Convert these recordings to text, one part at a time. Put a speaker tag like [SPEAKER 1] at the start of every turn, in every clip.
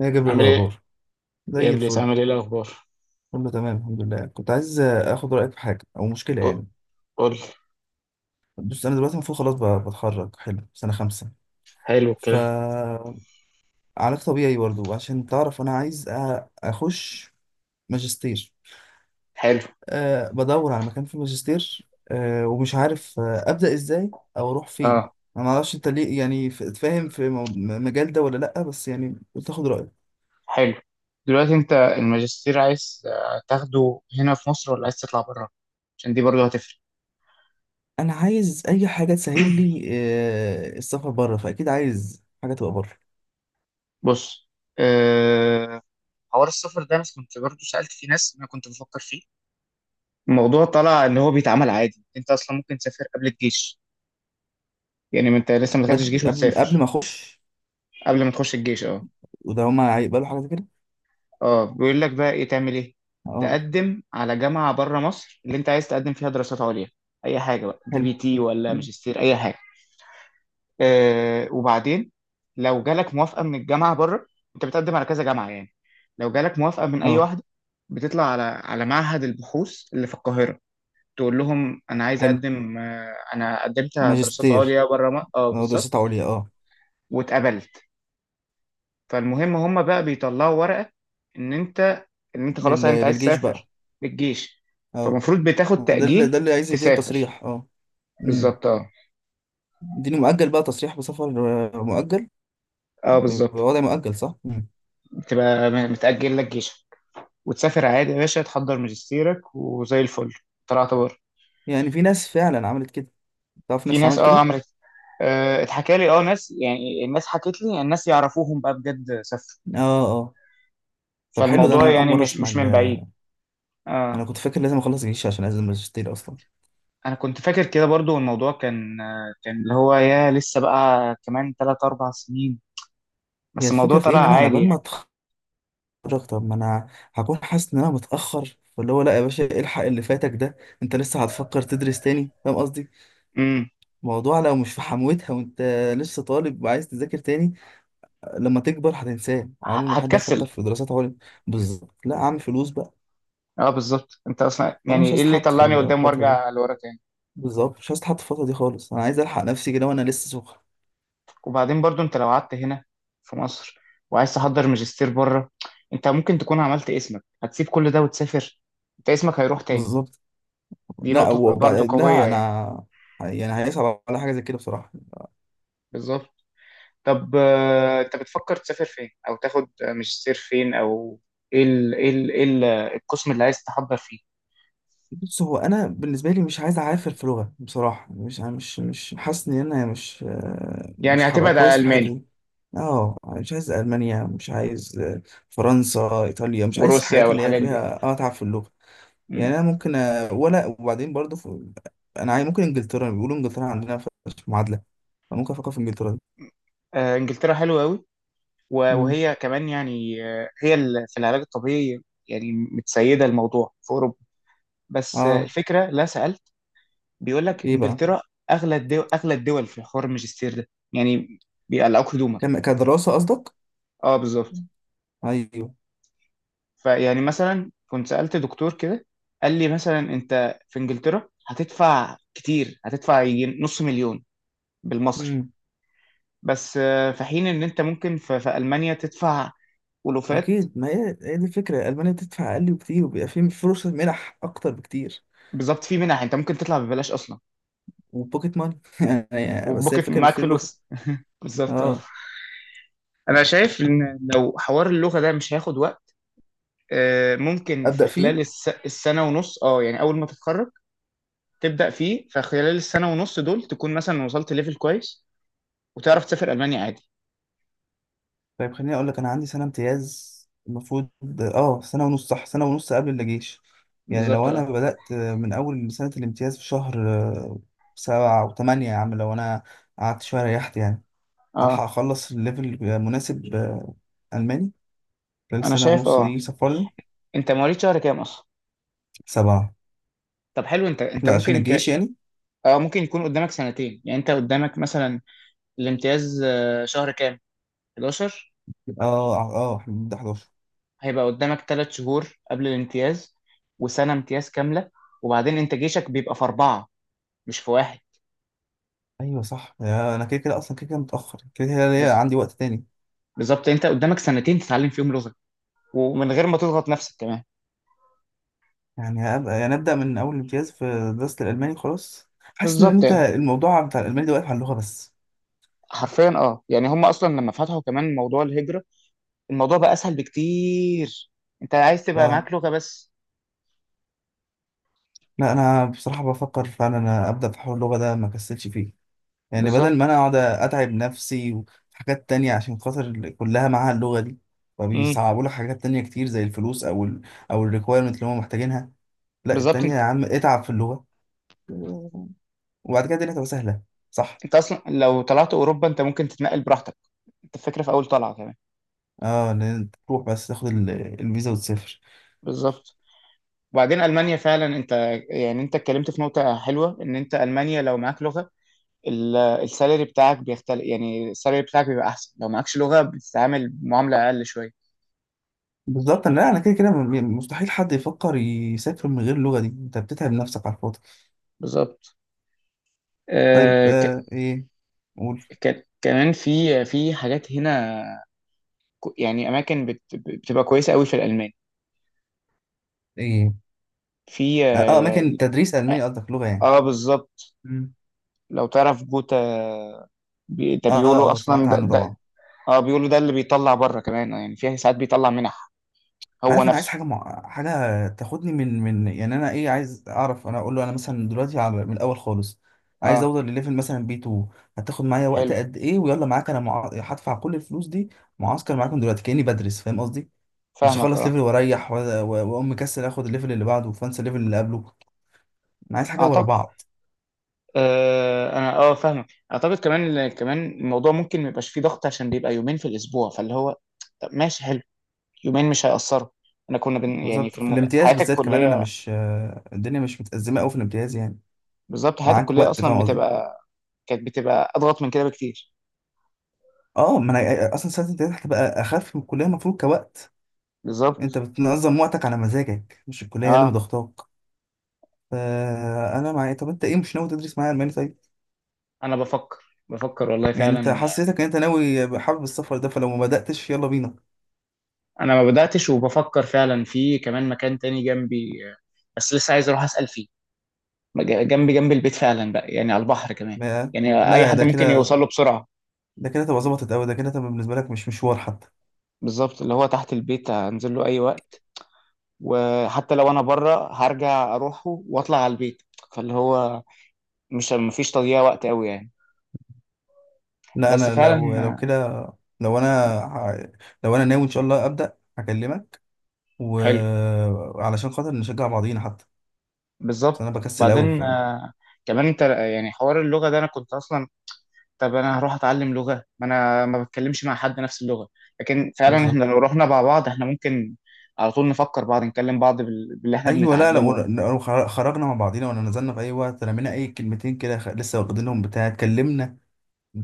[SPEAKER 1] يا جبل
[SPEAKER 2] عامل ايه؟
[SPEAKER 1] الأخبار،
[SPEAKER 2] ايه يا
[SPEAKER 1] زي
[SPEAKER 2] ابليس،
[SPEAKER 1] الفل.
[SPEAKER 2] عامل ايه الاخبار؟
[SPEAKER 1] كله تمام الحمد لله. كنت عايز آخد رأيك في حاجة أو مشكلة
[SPEAKER 2] قو-
[SPEAKER 1] يعني.
[SPEAKER 2] قول.
[SPEAKER 1] بص، أنا دلوقتي المفروض خلاص بتخرج، حلو، سنة خمسة
[SPEAKER 2] حلو
[SPEAKER 1] ف
[SPEAKER 2] الكلام.
[SPEAKER 1] علاج طبيعي برضه عشان تعرف. أنا عايز أخش ماجستير.
[SPEAKER 2] حلو.
[SPEAKER 1] أه، بدور على مكان في ماجستير. أه، ومش عارف أبدأ إزاي أو أروح فين.
[SPEAKER 2] اه.
[SPEAKER 1] أنا معرفش أنت ليه يعني فاهم في مجال ده ولا لأ، بس يعني قلت آخد رأيك.
[SPEAKER 2] حلو. دلوقتي انت الماجستير عايز تاخده هنا في مصر ولا عايز تطلع بره؟ عشان دي برضه هتفرق.
[SPEAKER 1] أنا عايز أي حاجة تسهل لي السفر بره، فأكيد عايز حاجة تبقى بره.
[SPEAKER 2] بص. أه... حوار السفر ده انا كنت برضه سألت في ناس، انا كنت بفكر فيه. الموضوع طلع ان هو بيتعمل عادي، انت اصلا ممكن تسافر قبل الجيش. يعني ما انت لسه ما دخلتش جيش
[SPEAKER 1] بجد، قبل
[SPEAKER 2] وتسافر.
[SPEAKER 1] ما اخش؟
[SPEAKER 2] قبل ما تخش الجيش، اه.
[SPEAKER 1] وده هما هيقبلوا حاجه زي كده؟
[SPEAKER 2] اه، بيقول لك بقى ايه؟ تعمل ايه؟
[SPEAKER 1] اه.
[SPEAKER 2] تقدم على جامعة بره مصر اللي انت عايز تقدم فيها دراسات عليا. اي حاجة بقى، دي
[SPEAKER 1] حلو.
[SPEAKER 2] بي تي ولا
[SPEAKER 1] مم.
[SPEAKER 2] ماجستير، اي حاجة. وبعدين، لو جالك موافقة من الجامعة بره، انت بتقدم على كذا جامعة يعني، لو جالك موافقة من اي
[SPEAKER 1] اه،
[SPEAKER 2] واحدة، بتطلع على معهد البحوث اللي في القاهرة، تقول لهم انا عايز
[SPEAKER 1] حلو.
[SPEAKER 2] اقدم، انا قدمت دراسات
[SPEAKER 1] ماجستير،
[SPEAKER 2] عليا بره،
[SPEAKER 1] اه،
[SPEAKER 2] بالظبط.
[SPEAKER 1] دراسات عليا اه.
[SPEAKER 2] واتقبلت. فالمهم، هم بقى بيطلعوا ورقة ان انت ان انت خلاص انت عايز
[SPEAKER 1] للجيش بقى.
[SPEAKER 2] تسافر للجيش.
[SPEAKER 1] اه.
[SPEAKER 2] فالمفروض بتاخد تأجيل.
[SPEAKER 1] ده اللي عايز يديله
[SPEAKER 2] تسافر.
[SPEAKER 1] تصريح اه. امم.
[SPEAKER 2] بالظبط، اه.
[SPEAKER 1] يديله مؤجل بقى، تصريح بسفر. آه، مؤجل.
[SPEAKER 2] اه،
[SPEAKER 1] بيبقى
[SPEAKER 2] بالظبط.
[SPEAKER 1] وضع مؤجل صح. مم.
[SPEAKER 2] بتبقى متأجل لك جيشك وتسافر عادي يا باشا، تحضر ماجستيرك وزي الفل. طلعت بره.
[SPEAKER 1] يعني في ناس فعلا عملت كده؟ تعرف
[SPEAKER 2] في
[SPEAKER 1] ناس
[SPEAKER 2] ناس،
[SPEAKER 1] عملت
[SPEAKER 2] اه،
[SPEAKER 1] كده؟
[SPEAKER 2] عملت. اتحكى لي، ناس يعني، الناس حكت لي، يعني الناس يعرفوهم بقى بجد سافروا.
[SPEAKER 1] اه، اه. طب حلو، ده
[SPEAKER 2] فالموضوع
[SPEAKER 1] انا اول
[SPEAKER 2] يعني
[SPEAKER 1] مره
[SPEAKER 2] مش
[SPEAKER 1] اسمع
[SPEAKER 2] مش من بعيد.
[SPEAKER 1] انا
[SPEAKER 2] اه.
[SPEAKER 1] كنت فاكر لازم اخلص جيش عشان انزل ماجستير اصلا.
[SPEAKER 2] انا كنت فاكر كده برضو، الموضوع كان اللي هو، يا لسه بقى كمان 3 4 سنين.
[SPEAKER 1] هي
[SPEAKER 2] بس الموضوع
[SPEAKER 1] الفكره في ايه،
[SPEAKER 2] طلع
[SPEAKER 1] ان انا على
[SPEAKER 2] عادي
[SPEAKER 1] بال ما
[SPEAKER 2] يعني.
[SPEAKER 1] اتفرج، طب ما انا هكون حاسس ان انا متاخر، فاللي هو لا يا باشا إيه الحق اللي فاتك ده. انت لسه هتفكر تدرس تاني، فاهم قصدي؟
[SPEAKER 2] امم.
[SPEAKER 1] الموضوع لو مش في حموتها وانت لسه طالب وعايز تذاكر تاني، لما تكبر هتنساه. عمر ما حد
[SPEAKER 2] هتكسل.
[SPEAKER 1] هيفكر في دراسات عليا. بالظبط، لا اعمل فلوس بقى.
[SPEAKER 2] اه، بالظبط. انت اصلا
[SPEAKER 1] وانا
[SPEAKER 2] يعني
[SPEAKER 1] مش
[SPEAKER 2] ايه
[SPEAKER 1] عايز
[SPEAKER 2] اللي
[SPEAKER 1] اتحط في
[SPEAKER 2] طلعني قدام
[SPEAKER 1] الفتره دي.
[SPEAKER 2] وارجع لورا تاني؟
[SPEAKER 1] بالظبط، مش عايز اتحط في الفتره دي خالص. انا عايز الحق نفسي كده وانا لسه سخن.
[SPEAKER 2] وبعدين برضو، انت لو قعدت هنا في مصر وعايز تحضر ماجستير بره، انت ممكن تكون عملت اسمك، هتسيب كل ده وتسافر، انت اسمك هيروح تاني.
[SPEAKER 1] بالظبط.
[SPEAKER 2] دي
[SPEAKER 1] لا،
[SPEAKER 2] نقطة
[SPEAKER 1] وبعد
[SPEAKER 2] برضو قوية
[SPEAKER 1] لا
[SPEAKER 2] يعني.
[SPEAKER 1] انا يعني هيصعب على حاجه زي كده بصراحه.
[SPEAKER 2] بالظبط. طب، انت بتفكر تسافر فين او تاخد ماجستير فين، او ايه القسم اللي عايز تحضر فيه؟
[SPEAKER 1] بص، هو انا بالنسبه لي مش عايز اعافر في لغه بصراحه. مش حاسس ان انا مش
[SPEAKER 2] يعني
[SPEAKER 1] مش هبقى
[SPEAKER 2] هتبعد على
[SPEAKER 1] كويس في الحته
[SPEAKER 2] الماني
[SPEAKER 1] دي. اه، مش عايز المانيا. مش عايز فرنسا، ايطاليا. مش عايز
[SPEAKER 2] وروسيا
[SPEAKER 1] الحاجات اللي هي
[SPEAKER 2] والحاجات دي.
[SPEAKER 1] فيها اتعب في اللغه.
[SPEAKER 2] مم.
[SPEAKER 1] يعني انا ممكن ولا، وبعدين برضو في، انا عايز، ممكن انجلترا، بيقولوا انجلترا عندنا في معادله. فممكن افكر في انجلترا دي.
[SPEAKER 2] انجلترا حلوه قوي،
[SPEAKER 1] مم.
[SPEAKER 2] وهي كمان يعني، هي في العلاج الطبيعي يعني متسيده الموضوع في اوروبا. بس
[SPEAKER 1] اه.
[SPEAKER 2] الفكره، لا سالت. بيقول لك
[SPEAKER 1] ايه بقى؟
[SPEAKER 2] انجلترا اغلى الدول، اغلى الدول في حوار الماجستير ده يعني، بيقلعوك هدومك.
[SPEAKER 1] كدراسه قصدك؟
[SPEAKER 2] اه، بالظبط.
[SPEAKER 1] ايوه.
[SPEAKER 2] فيعني مثلا كنت سألت دكتور كده، قال لي مثلا انت في انجلترا هتدفع كتير، هتدفع يجي نص مليون بالمصري.
[SPEAKER 1] مم.
[SPEAKER 2] بس، في حين ان انت ممكن في المانيا تدفع ولوفات.
[SPEAKER 1] اكيد، ما هي هي دي الفكره، المانيا بتدفع اقل بكتير وبيبقى في فرصه منح اكتر بكتير.
[SPEAKER 2] بالظبط، في منح، انت ممكن تطلع ببلاش اصلا.
[SPEAKER 1] وبوكيت ماني يعني. بس هي
[SPEAKER 2] وبوكت
[SPEAKER 1] الفكره بيبقى
[SPEAKER 2] معاك
[SPEAKER 1] في
[SPEAKER 2] فلوس.
[SPEAKER 1] اللغه.
[SPEAKER 2] بالظبط، اه.
[SPEAKER 1] اه،
[SPEAKER 2] انا شايف ان لو حوار اللغه ده مش هياخد وقت، ممكن في
[SPEAKER 1] ابدا فيه.
[SPEAKER 2] خلال السنه ونص، يعني اول ما تتخرج تبدا فيه. فخلال السنه ونص دول، تكون مثلا وصلت ليفل كويس وتعرف تسافر المانيا عادي.
[SPEAKER 1] طيب، خليني اقول لك، انا عندي سنه امتياز المفروض. اه، سنه ونص صح، سنه ونص قبل الجيش. يعني
[SPEAKER 2] بالظبط،
[SPEAKER 1] لو انا
[SPEAKER 2] اه.
[SPEAKER 1] بدات من اول سنه الامتياز في شهر سبعة او تمانية، يا عم لو انا قعدت شويه ريحت يعني، هلحق
[SPEAKER 2] اه،
[SPEAKER 1] اخلص الليفل مناسب الماني خلال
[SPEAKER 2] انا
[SPEAKER 1] السنه
[SPEAKER 2] شايف،
[SPEAKER 1] ونص
[SPEAKER 2] اه.
[SPEAKER 1] دي. سفرني.
[SPEAKER 2] انت مواليد شهر كام اصلا؟
[SPEAKER 1] سبعة.
[SPEAKER 2] طب حلو، انت
[SPEAKER 1] لا، عشان
[SPEAKER 2] ممكن
[SPEAKER 1] الجيش يعني.
[SPEAKER 2] اه، ممكن يكون قدامك سنتين، يعني انت قدامك مثلا الامتياز، شهر كام؟ 11؟
[SPEAKER 1] اه اه اه، احنا بنبدأ 11.
[SPEAKER 2] هيبقى قدامك 3 شهور قبل الامتياز، وسنة امتياز كاملة. وبعدين انت جيشك بيبقى في 4، مش في 1.
[SPEAKER 1] ايوه صح. يا انا كده كده اصلا، كده كده متأخر، كده كده ليا
[SPEAKER 2] بس،
[SPEAKER 1] عندي وقت تاني.
[SPEAKER 2] بالظبط، انت قدامك سنتين تتعلم فيهم لغة، ومن غير ما تضغط نفسك كمان.
[SPEAKER 1] يعني هبقى يعني ابدأ من اول امتياز في دراسة الالماني خلاص. حاسس ان
[SPEAKER 2] بالظبط
[SPEAKER 1] انت
[SPEAKER 2] يعني،
[SPEAKER 1] الموضوع بتاع الالماني ده واقف على اللغة بس.
[SPEAKER 2] حرفيا، يعني هم اصلا لما فتحوا كمان موضوع الهجرة، الموضوع بقى اسهل بكتير. انت عايز تبقى
[SPEAKER 1] اه.
[SPEAKER 2] معاك لغة بس.
[SPEAKER 1] لا، انا بصراحة بفكر فعلا انا ابدأ في حوار اللغة ده، ما كسلش فيه. يعني بدل ما انا
[SPEAKER 2] بالظبط.
[SPEAKER 1] اقعد اتعب نفسي وحاجات تانية عشان خاطر كلها معاها اللغة دي،
[SPEAKER 2] امم.
[SPEAKER 1] فبيصعبوا لك حاجات تانية كتير زي الفلوس او ال، او الريكويرمنت اللي هم محتاجينها. لا،
[SPEAKER 2] بالظبط،
[SPEAKER 1] التانية
[SPEAKER 2] انت
[SPEAKER 1] يا عم، اتعب في اللغة. وبعد كده الدنيا تبقى سهله، صح.
[SPEAKER 2] انت اصلا لو طلعت اوروبا انت ممكن تتنقل براحتك. انت الفكره في اول طلعه كمان.
[SPEAKER 1] اه، ان انت تروح بس تاخد الفيزا وتسافر.
[SPEAKER 2] بالظبط. وبعدين المانيا فعلا، انت يعني انت اتكلمت في نقطه حلوه ان انت المانيا لو معاك لغه، السالري بتاعك بيختلف، يعني السالري بتاعك بيبقى احسن، لو معكش لغه بتتعامل معامله اقل شويه.
[SPEAKER 1] بالظبط. لا، انا كده كده مستحيل حد يفكر يسافر من غير اللغه دي. انت بتتعب نفسك على الفاضي.
[SPEAKER 2] بالظبط.
[SPEAKER 1] طيب،
[SPEAKER 2] آه ك...
[SPEAKER 1] آه ايه، قول
[SPEAKER 2] كمان في حاجات هنا، يعني اماكن بتبقى كويسه قوي في الالمان.
[SPEAKER 1] ايه.
[SPEAKER 2] في،
[SPEAKER 1] اه اماكن تدريس الماني قصدك، لغه يعني.
[SPEAKER 2] بالظبط.
[SPEAKER 1] مم.
[SPEAKER 2] لو تعرف جوتا، ده
[SPEAKER 1] اه،
[SPEAKER 2] بيقولوا
[SPEAKER 1] اه
[SPEAKER 2] اصلا
[SPEAKER 1] سمعت
[SPEAKER 2] ده,
[SPEAKER 1] عنه
[SPEAKER 2] ده
[SPEAKER 1] طبعا.
[SPEAKER 2] اه، بيقولوا ده اللي بيطلع بره كمان، يعني فيها ساعات بيطلع منح هو
[SPEAKER 1] عارف، انا عايز
[SPEAKER 2] نفسه.
[SPEAKER 1] حاجه حاجه تاخدني من يعني انا ايه، عايز اعرف، انا اقول له انا مثلا دلوقتي على من الاول خالص، عايز
[SPEAKER 2] اه.
[SPEAKER 1] اوصل لليفل مثلا بي 2، هتاخد معايا وقت
[SPEAKER 2] حلو.
[SPEAKER 1] قد ايه؟ ويلا معاك انا هدفع كل الفلوس دي، معسكر معاكم دلوقتي كاني بدرس، فاهم قصدي؟ مش
[SPEAKER 2] فاهمك،
[SPEAKER 1] هخلص
[SPEAKER 2] اه.
[SPEAKER 1] ليفل واريح واقوم مكسل اخد الليفل اللي بعده وفانسى الليفل اللي قبله. انا عايز حاجه ورا
[SPEAKER 2] اعتقد،
[SPEAKER 1] بعض.
[SPEAKER 2] انا، فاهمك. اعتقد كمان، الموضوع ممكن ما يبقاش فيه ضغط، عشان بيبقى يومين في الاسبوع، فاللي هو، طب ماشي، حلو، يومين مش هيأثروا. انا كنا يعني في
[SPEAKER 1] بالظبط، في الامتياز
[SPEAKER 2] حياتي
[SPEAKER 1] بالذات كمان انا
[SPEAKER 2] الكليه.
[SPEAKER 1] مش الدنيا مش متأزمه قوي في الامتياز يعني.
[SPEAKER 2] بالظبط حياتي
[SPEAKER 1] معاك
[SPEAKER 2] الكليه
[SPEAKER 1] وقت،
[SPEAKER 2] اصلا
[SPEAKER 1] فاهم قصدي؟
[SPEAKER 2] بتبقى، كانت بتبقى اضغط من كده بكتير.
[SPEAKER 1] اه، ما انا اصلا سنه الامتياز هتبقى اخف من الكليه المفروض كوقت. انت
[SPEAKER 2] بالظبط،
[SPEAKER 1] بتنظم وقتك على مزاجك، مش الكليه اللي
[SPEAKER 2] اه.
[SPEAKER 1] مضغطاك. فانا معايا. طب انت ايه، مش ناوي تدرس معايا الماني طيب؟
[SPEAKER 2] انا بفكر، بفكر والله
[SPEAKER 1] يعني انت
[SPEAKER 2] فعلا.
[SPEAKER 1] حسيتك ان انت ناوي حابب السفر ده، فلو ما بداتش يلا بينا.
[SPEAKER 2] انا ما بداتش، وبفكر فعلا في كمان مكان تاني جنبي، بس لسه عايز اروح اسال فيه. جنبي، جنب البيت فعلا بقى يعني، على البحر كمان،
[SPEAKER 1] ما-
[SPEAKER 2] يعني اي
[SPEAKER 1] لا،
[SPEAKER 2] حد
[SPEAKER 1] ده
[SPEAKER 2] ممكن
[SPEAKER 1] كده،
[SPEAKER 2] يوصل له بسرعه.
[SPEAKER 1] ده كده تبقى ظبطت قوي. ده كده تبقى بالنسبه لك مش مشوار حتى.
[SPEAKER 2] بالظبط، اللي هو تحت البيت، هنزل له اي وقت. وحتى لو انا بره، هرجع اروحه واطلع على البيت. فاللي هو، مش مفيش تضييع وقت قوي يعني.
[SPEAKER 1] لا
[SPEAKER 2] بس
[SPEAKER 1] انا،
[SPEAKER 2] فعلا،
[SPEAKER 1] لو كده، لو انا ه- لو انا ناوي ان شاء الله ابدا هكلمك،
[SPEAKER 2] حلو.
[SPEAKER 1] وعلشان خاطر نشجع بعضينا حتى. بس انا
[SPEAKER 2] بالظبط.
[SPEAKER 1] بكسل قوي،
[SPEAKER 2] بعدين،
[SPEAKER 1] فاهم.
[SPEAKER 2] كمان انت يعني، حوار اللغه ده انا كنت اصلا. طب انا هروح اتعلم لغه، ما انا ما بتكلمش مع حد نفس اللغه. لكن فعلا، احنا
[SPEAKER 1] بالظبط.
[SPEAKER 2] لو رحنا مع بعض احنا ممكن على طول نفكر بعض، نكلم بعض باللي احنا
[SPEAKER 1] ايوه. لا لا،
[SPEAKER 2] بنتعلمه.
[SPEAKER 1] خرجنا مع بعضينا ولا نزلنا في اي وقت رمينا اي كلمتين كده، لسه واخدينهم بتاع اتكلمنا،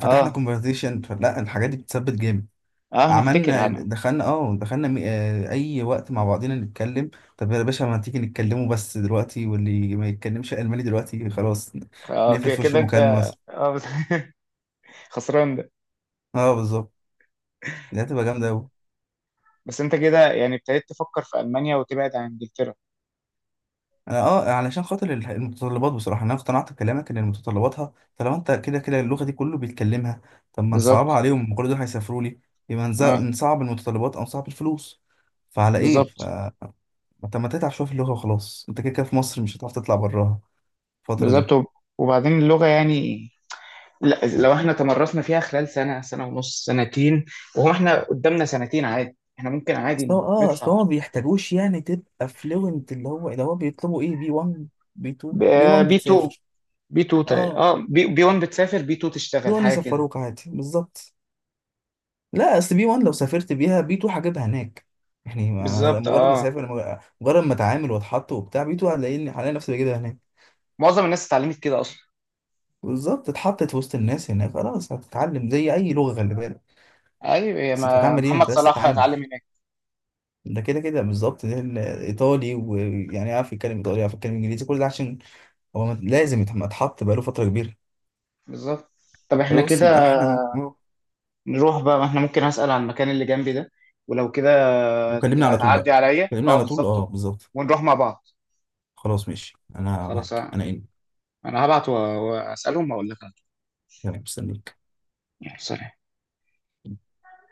[SPEAKER 1] فتحنا
[SPEAKER 2] اه،
[SPEAKER 1] كونفرزيشن. لا، الحاجات دي بتثبت جامد.
[SPEAKER 2] اه، نفتكر
[SPEAKER 1] عملنا
[SPEAKER 2] انا.
[SPEAKER 1] دخلنا، اه دخلنا اي وقت مع بعضينا نتكلم. طب يا باشا، ما تيجي نتكلموا بس دلوقتي، واللي ما يتكلمش الماني دلوقتي خلاص
[SPEAKER 2] اه،
[SPEAKER 1] نقفل في وش
[SPEAKER 2] كده انت،
[SPEAKER 1] المكالمه مثلا.
[SPEAKER 2] اه، بس. خسران ده.
[SPEAKER 1] اه بالظبط، دي هتبقى جامده قوي.
[SPEAKER 2] بس انت كده يعني ابتديت تفكر في المانيا وتبعد عن انجلترا؟
[SPEAKER 1] انا اه علشان خاطر المتطلبات بصراحه، انا اقتنعت بكلامك ان متطلباتها، طالما انت كده كده اللغه دي كله بيتكلمها. طب ما نصعبها
[SPEAKER 2] بالظبط،
[SPEAKER 1] عليهم، هم كل دول هيسافروا لي، يبقى
[SPEAKER 2] اه،
[SPEAKER 1] نصعب المتطلبات او نصعب الفلوس. فعلى ايه
[SPEAKER 2] بالظبط،
[SPEAKER 1] ف طب ما تتعب شويه في اللغه وخلاص. انت كده كده في مصر مش هتعرف تطلع براها الفتره دي.
[SPEAKER 2] بالظبط. وبعدين اللغه يعني، لا لو احنا تمرسنا فيها خلال سنه، سنه ونص، سنتين، وهو احنا قدامنا سنتين عادي احنا ممكن عادي
[SPEAKER 1] اصل هو
[SPEAKER 2] نطلع.
[SPEAKER 1] ما بيحتاجوش يعني تبقى فلوينت. اللي هو بيطلبوا ايه، بي 1، بي 2. بي 1
[SPEAKER 2] بي 2.
[SPEAKER 1] بتسافر.
[SPEAKER 2] بي 2 تقريبا،
[SPEAKER 1] اه،
[SPEAKER 2] اه، بي 1 بتسافر، بي 2
[SPEAKER 1] بي
[SPEAKER 2] تشتغل
[SPEAKER 1] 1
[SPEAKER 2] حاجه كده.
[SPEAKER 1] يسفروك عادي بالظبط. لا، اصل بي 1 لو سافرت بيها، بي 2 هجيبها هناك. يعني ما انا
[SPEAKER 2] بالظبط،
[SPEAKER 1] مجرد ما
[SPEAKER 2] اه.
[SPEAKER 1] اسافر، مجرد ما اتعامل واتحط وبتاع، بي 2 هلاقيني هلاقي نفسي بجيبها هناك.
[SPEAKER 2] معظم الناس اتعلمت كده اصلا.
[SPEAKER 1] بالظبط. اتحطت وسط الناس هناك خلاص، هتتعلم زي اي لغه خلي بالك.
[SPEAKER 2] ايوه، يا
[SPEAKER 1] بس انت
[SPEAKER 2] ما
[SPEAKER 1] هتعمل ايه،
[SPEAKER 2] محمد
[SPEAKER 1] انت بس
[SPEAKER 2] صلاح
[SPEAKER 1] تتعامل.
[SPEAKER 2] اتعلم هناك.
[SPEAKER 1] ده كده كده بالظبط، ده ايطالي ويعني يعرف يتكلم ايطالي، يعرف يتكلم انجليزي، كل ده عشان هو لازم اتحط بقاله فتره كبيره.
[SPEAKER 2] بالظبط. طب احنا
[SPEAKER 1] خلاص
[SPEAKER 2] كده
[SPEAKER 1] يبقى احنا اه،
[SPEAKER 2] نروح بقى، ما احنا ممكن، هسأل عن المكان اللي جنبي ده، ولو كده
[SPEAKER 1] وكلمني
[SPEAKER 2] تبقى
[SPEAKER 1] على طول بقى.
[SPEAKER 2] تعدي عليا،
[SPEAKER 1] كلمني
[SPEAKER 2] اه،
[SPEAKER 1] على طول، اه
[SPEAKER 2] بالظبط،
[SPEAKER 1] بالظبط.
[SPEAKER 2] ونروح مع بعض.
[SPEAKER 1] خلاص ماشي، انا
[SPEAKER 2] خلاص.
[SPEAKER 1] معاك. انا ان،
[SPEAKER 2] انا هبعت واسألهم واقول لك على طول.
[SPEAKER 1] تمام، مستنيك.
[SPEAKER 2] يلا، سلام.